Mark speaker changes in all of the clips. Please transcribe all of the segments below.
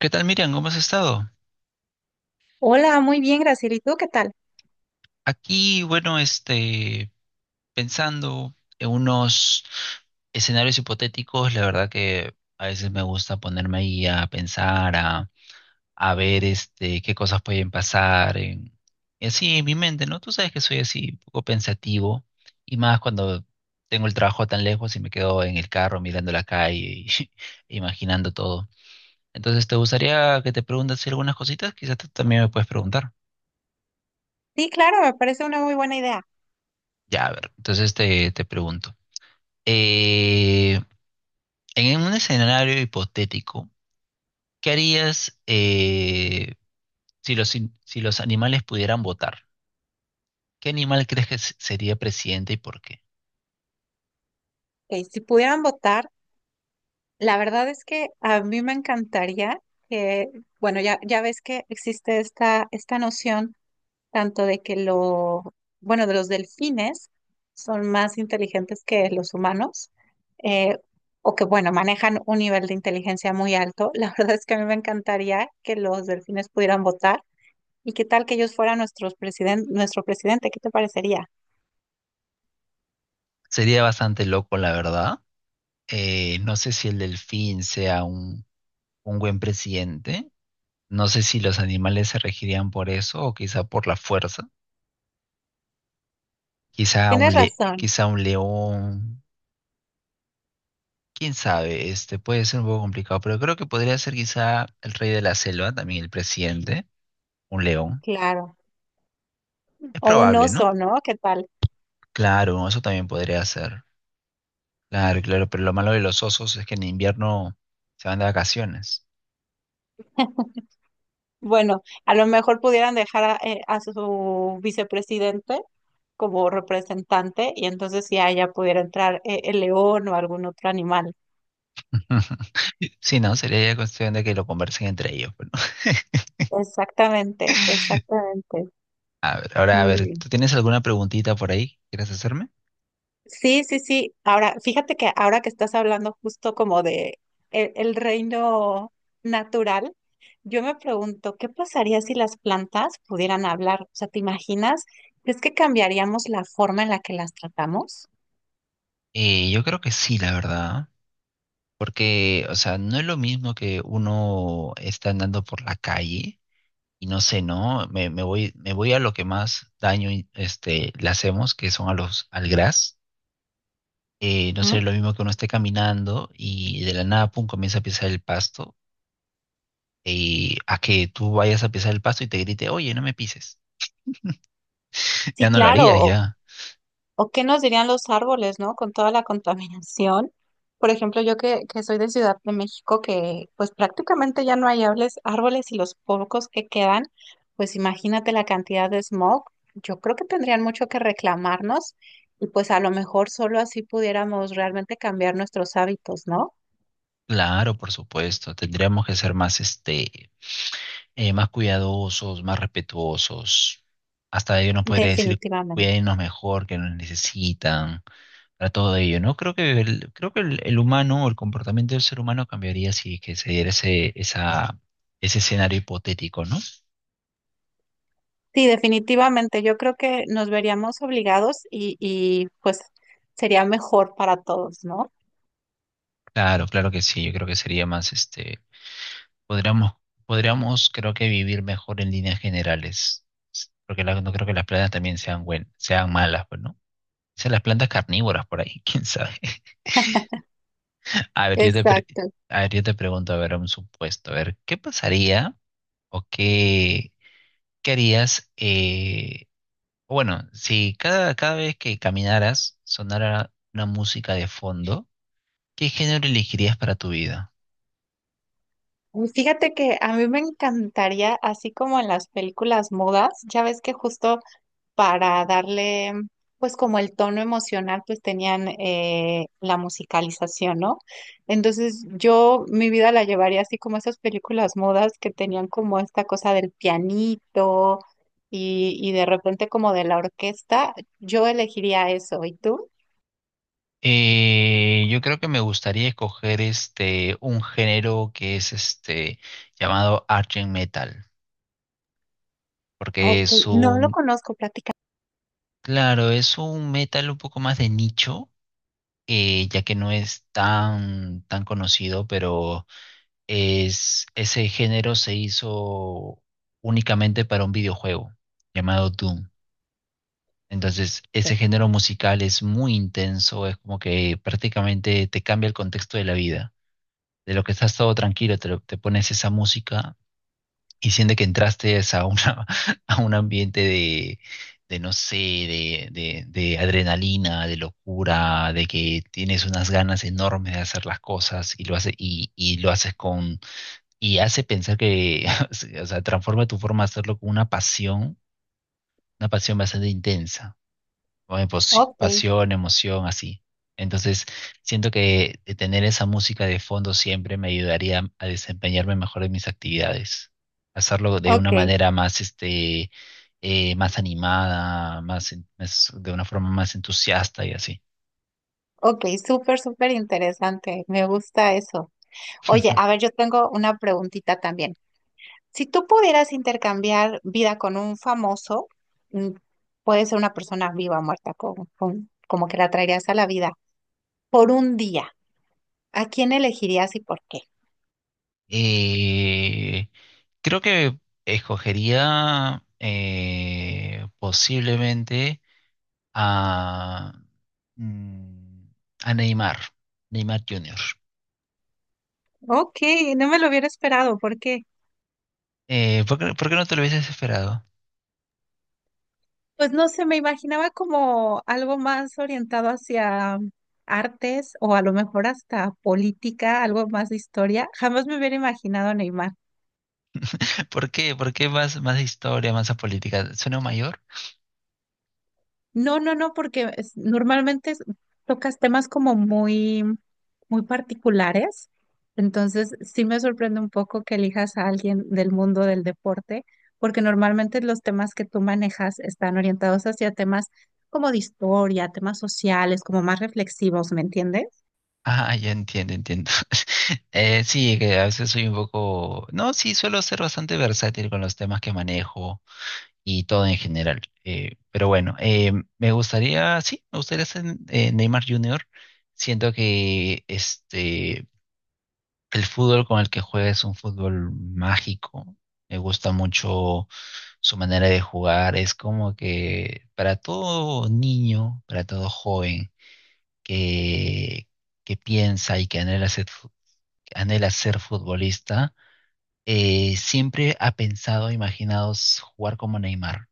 Speaker 1: ¿Qué tal, Miriam? ¿Cómo has estado?
Speaker 2: Hola, muy bien, Graciela. ¿Y tú qué tal?
Speaker 1: Aquí, bueno, pensando en unos escenarios hipotéticos. La verdad que a veces me gusta ponerme ahí a pensar, a ver, qué cosas pueden pasar, y así en mi mente, ¿no? Tú sabes que soy así, un poco pensativo, y más cuando tengo el trabajo tan lejos y me quedo en el carro mirando la calle y imaginando todo. Entonces, ¿te gustaría que te preguntas algunas cositas? Quizás tú también me puedes preguntar.
Speaker 2: Sí, claro, me parece una muy buena idea.
Speaker 1: Ya, a ver, entonces te pregunto. eh, en un escenario hipotético, ¿qué harías si si los animales pudieran votar? ¿Qué animal crees que sería presidente y por qué?
Speaker 2: Ok, si pudieran votar, la verdad es que a mí me encantaría que, bueno, ya ves que existe esta noción tanto de que lo, bueno, de los delfines son más inteligentes que los humanos, eh, o que, bueno, manejan un nivel de inteligencia muy alto. La verdad es que a mí me encantaría que los delfines pudieran votar. ¿Y qué tal que ellos fueran nuestros nuestro presidente? ¿Qué te parecería?
Speaker 1: Sería bastante loco, la verdad. No sé si el delfín sea un buen presidente. No sé si los animales se regirían por eso o quizá por la fuerza. Quizá
Speaker 2: Tienes razón,
Speaker 1: quizá un león. Quién sabe, este puede ser un poco complicado, pero creo que podría ser quizá el rey de la selva, también el presidente, un león.
Speaker 2: claro.
Speaker 1: Es
Speaker 2: O un
Speaker 1: probable, ¿no?
Speaker 2: oso, ¿no? ¿Qué tal?
Speaker 1: Claro, eso también podría ser. Claro, claro, pero lo malo de los osos es que en invierno se van de vacaciones.
Speaker 2: Bueno, a lo mejor pudieran dejar a su vicepresidente como representante y entonces ya pudiera entrar el león o algún otro animal.
Speaker 1: Sí, no, sería ya cuestión de que lo conversen entre ellos, pues, ¿no?
Speaker 2: Exactamente, exactamente.
Speaker 1: A ver, ahora, a
Speaker 2: Muy
Speaker 1: ver, ¿tú
Speaker 2: bien.
Speaker 1: tienes alguna preguntita por ahí que quieras hacerme?
Speaker 2: Sí, sí, sí. Ahora, fíjate que ahora que estás hablando justo como de el reino natural, yo me pregunto, ¿qué pasaría si las plantas pudieran hablar? O sea, ¿te imaginas? ¿Crees que cambiaríamos la forma en la que las tratamos?
Speaker 1: Yo creo que sí, la verdad, porque, o sea, no es lo mismo que uno está andando por la calle. Y no sé, ¿no? Me voy, me voy a lo que más daño y, este, le hacemos, que son a los, al gras. No
Speaker 2: ¿Mm?
Speaker 1: sé, lo mismo que uno esté caminando y de la nada, pum, comienza a pisar el pasto. Y a que tú vayas a pisar el pasto y te grite, oye, no me pises.
Speaker 2: Sí,
Speaker 1: Ya no lo harías,
Speaker 2: claro.
Speaker 1: ya.
Speaker 2: ¿O qué nos dirían los árboles, ¿no? Con toda la contaminación. Por ejemplo, yo que soy de Ciudad de México, que pues prácticamente ya no hay árboles y los pocos que quedan, pues imagínate la cantidad de smog. Yo creo que tendrían mucho que reclamarnos y pues a lo mejor solo así pudiéramos realmente cambiar nuestros hábitos, ¿no?
Speaker 1: Claro, por supuesto. Tendríamos que ser más, este, más cuidadosos, más respetuosos. Hasta ellos nos podría decir,
Speaker 2: Definitivamente.
Speaker 1: cuídenos mejor, que nos necesitan, para todo ello, ¿no? Creo que el humano o el comportamiento del ser humano cambiaría si que se diera esa, ese escenario hipotético, ¿no?
Speaker 2: Sí, definitivamente. Yo creo que nos veríamos obligados y pues sería mejor para todos, ¿no?
Speaker 1: Claro, claro que sí, yo creo que sería más, este, podríamos, podríamos, creo que vivir mejor en líneas generales, porque no creo que las plantas también sean buen, sean malas, pues, ¿no? Sean las plantas carnívoras por ahí, quién sabe. A ver,
Speaker 2: Exacto.
Speaker 1: a ver, yo te pregunto, a ver, un supuesto, a ver, ¿qué pasaría o qué, qué harías? Bueno, si cada vez que caminaras sonara una música de fondo, ¿qué género elegirías para tu vida?
Speaker 2: Fíjate que a mí me encantaría, así como en las películas mudas, ya ves que justo para darle, pues como el tono emocional, pues tenían la musicalización, ¿no? Entonces yo mi vida la llevaría así como esas películas mudas que tenían como esta cosa del pianito y de repente como de la orquesta, yo elegiría eso. ¿Y tú?
Speaker 1: Yo creo que me gustaría escoger este un género que es este llamado Argent Metal, porque
Speaker 2: Ok,
Speaker 1: es
Speaker 2: no lo
Speaker 1: un,
Speaker 2: conozco, platícame.
Speaker 1: claro, es un metal un poco más de nicho, ya que no es tan conocido, pero es, ese género se hizo únicamente para un videojuego llamado Doom. Entonces, ese género musical es muy intenso, es como que prácticamente te cambia el contexto de la vida. De lo que estás todo tranquilo, te pones esa música y sientes que entraste a, una, a un ambiente de no sé, de adrenalina, de locura, de que tienes unas ganas enormes de hacer las cosas y lo hace, y lo haces con, y hace pensar que, o sea, transforma tu forma de hacerlo con una pasión bastante intensa con
Speaker 2: Ok,
Speaker 1: pasión, emoción, así. Entonces, siento que de tener esa música de fondo siempre me ayudaría a desempeñarme mejor en mis actividades, hacerlo de una
Speaker 2: ok.
Speaker 1: manera más, este, más animada, más, de una forma más entusiasta y así.
Speaker 2: Ok, súper, súper interesante. Me gusta eso. Oye, a ver, yo tengo una preguntita también. Si tú pudieras intercambiar vida con un famoso, mm, puede ser una persona viva o muerta, como que la traerías a la vida por un día, ¿a quién elegirías y por qué?
Speaker 1: Eh, creo que escogería posiblemente a, mm, a Neymar, Neymar Jr.
Speaker 2: Ok, no me lo hubiera esperado, ¿por qué?
Speaker 1: Por qué no te lo hubieses esperado?
Speaker 2: Pues no sé, me imaginaba como algo más orientado hacia artes o a lo mejor hasta política, algo más de historia. Jamás me hubiera imaginado Neymar.
Speaker 1: ¿Por qué? ¿Por qué más, más historia, más a política? ¿Suena mayor?
Speaker 2: No, no, no, porque normalmente tocas temas como muy, muy particulares. Entonces, sí me sorprende un poco que elijas a alguien del mundo del deporte, porque normalmente los temas que tú manejas están orientados hacia temas como de historia, temas sociales, como más reflexivos, ¿me entiendes?
Speaker 1: Ah, ya entiendo, entiendo. Sí, que a veces soy un poco... No, sí, suelo ser bastante versátil con los temas que manejo y todo en general. Pero bueno, me gustaría, sí, me gustaría ser Neymar Jr. Siento que este, el fútbol con el que juega es un fútbol mágico. Me gusta mucho su manera de jugar. Es como que para todo niño, para todo joven que, que piensa y que anhela ser, que anhela ser futbolista, siempre ha pensado, imaginado jugar como Neymar.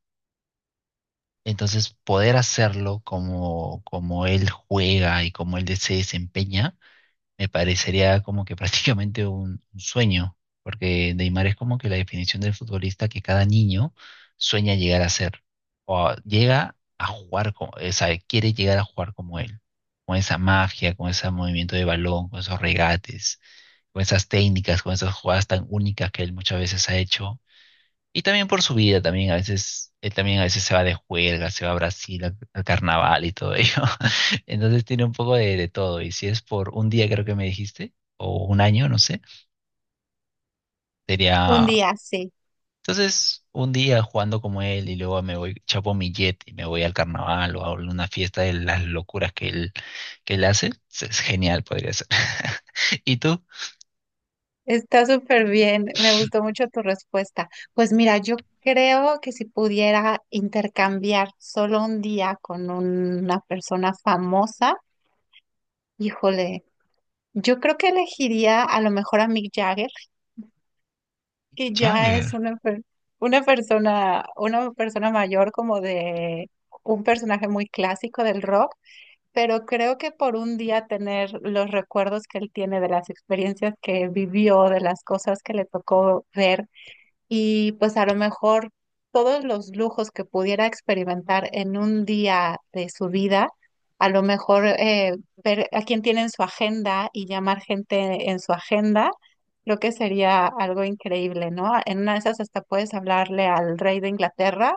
Speaker 1: Entonces, poder hacerlo como, como él juega y como él se desempeña me parecería como que prácticamente un sueño, porque Neymar es como que la definición del futbolista que cada niño sueña llegar a ser, llega a jugar, como, o sea, quiere llegar a jugar como él, con esa magia, con ese movimiento de balón, con esos regates, con esas técnicas, con esas jugadas tan únicas que él muchas veces ha hecho y también por su vida, también a veces, él también a veces se va de juerga, se va a Brasil al, al carnaval y todo ello. Entonces tiene un poco de todo. Y si es por un día, creo que me dijiste, o un año, no sé,
Speaker 2: Un
Speaker 1: sería...
Speaker 2: día, sí.
Speaker 1: Entonces, un día jugando como él y luego me voy, chapo mi jet y me voy al carnaval o a una fiesta de las locuras que que él hace, es genial, podría ser. ¿Y tú?
Speaker 2: Está súper bien, me gustó mucho tu respuesta. Pues mira, yo creo que si pudiera intercambiar solo un día con una persona famosa, híjole, yo creo que elegiría a lo mejor a Mick Jagger, que ya es
Speaker 1: Jagger,
Speaker 2: una persona mayor como de un personaje muy clásico del rock, pero creo que por un día tener los recuerdos que él tiene de las experiencias que vivió, de las cosas que le tocó ver y pues a lo mejor todos los lujos que pudiera experimentar en un día de su vida, a lo mejor ver a quién tiene en su agenda y llamar gente en su agenda, creo que sería algo increíble, ¿no? En una de esas hasta puedes hablarle al rey de Inglaterra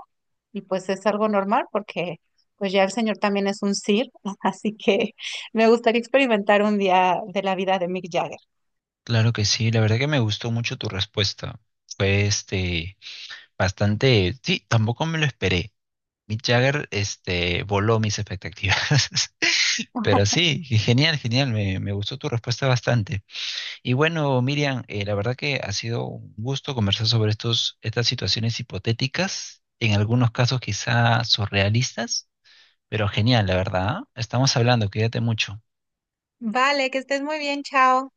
Speaker 2: y pues es algo normal porque pues ya el señor también es un sir, así que me gustaría experimentar un día de la vida de Mick Jagger.
Speaker 1: claro que sí, la verdad que me gustó mucho tu respuesta. Fue este... Bastante, sí, tampoco me lo esperé. Mick Jagger, este, voló mis expectativas. Pero sí, genial, genial, me gustó tu respuesta bastante. Y bueno, Miriam, la verdad que ha sido un gusto conversar sobre estas situaciones hipotéticas, en algunos casos quizá surrealistas, pero genial, la verdad. ¿Ah? Estamos hablando, cuídate mucho.
Speaker 2: Vale, que estés muy bien, chao.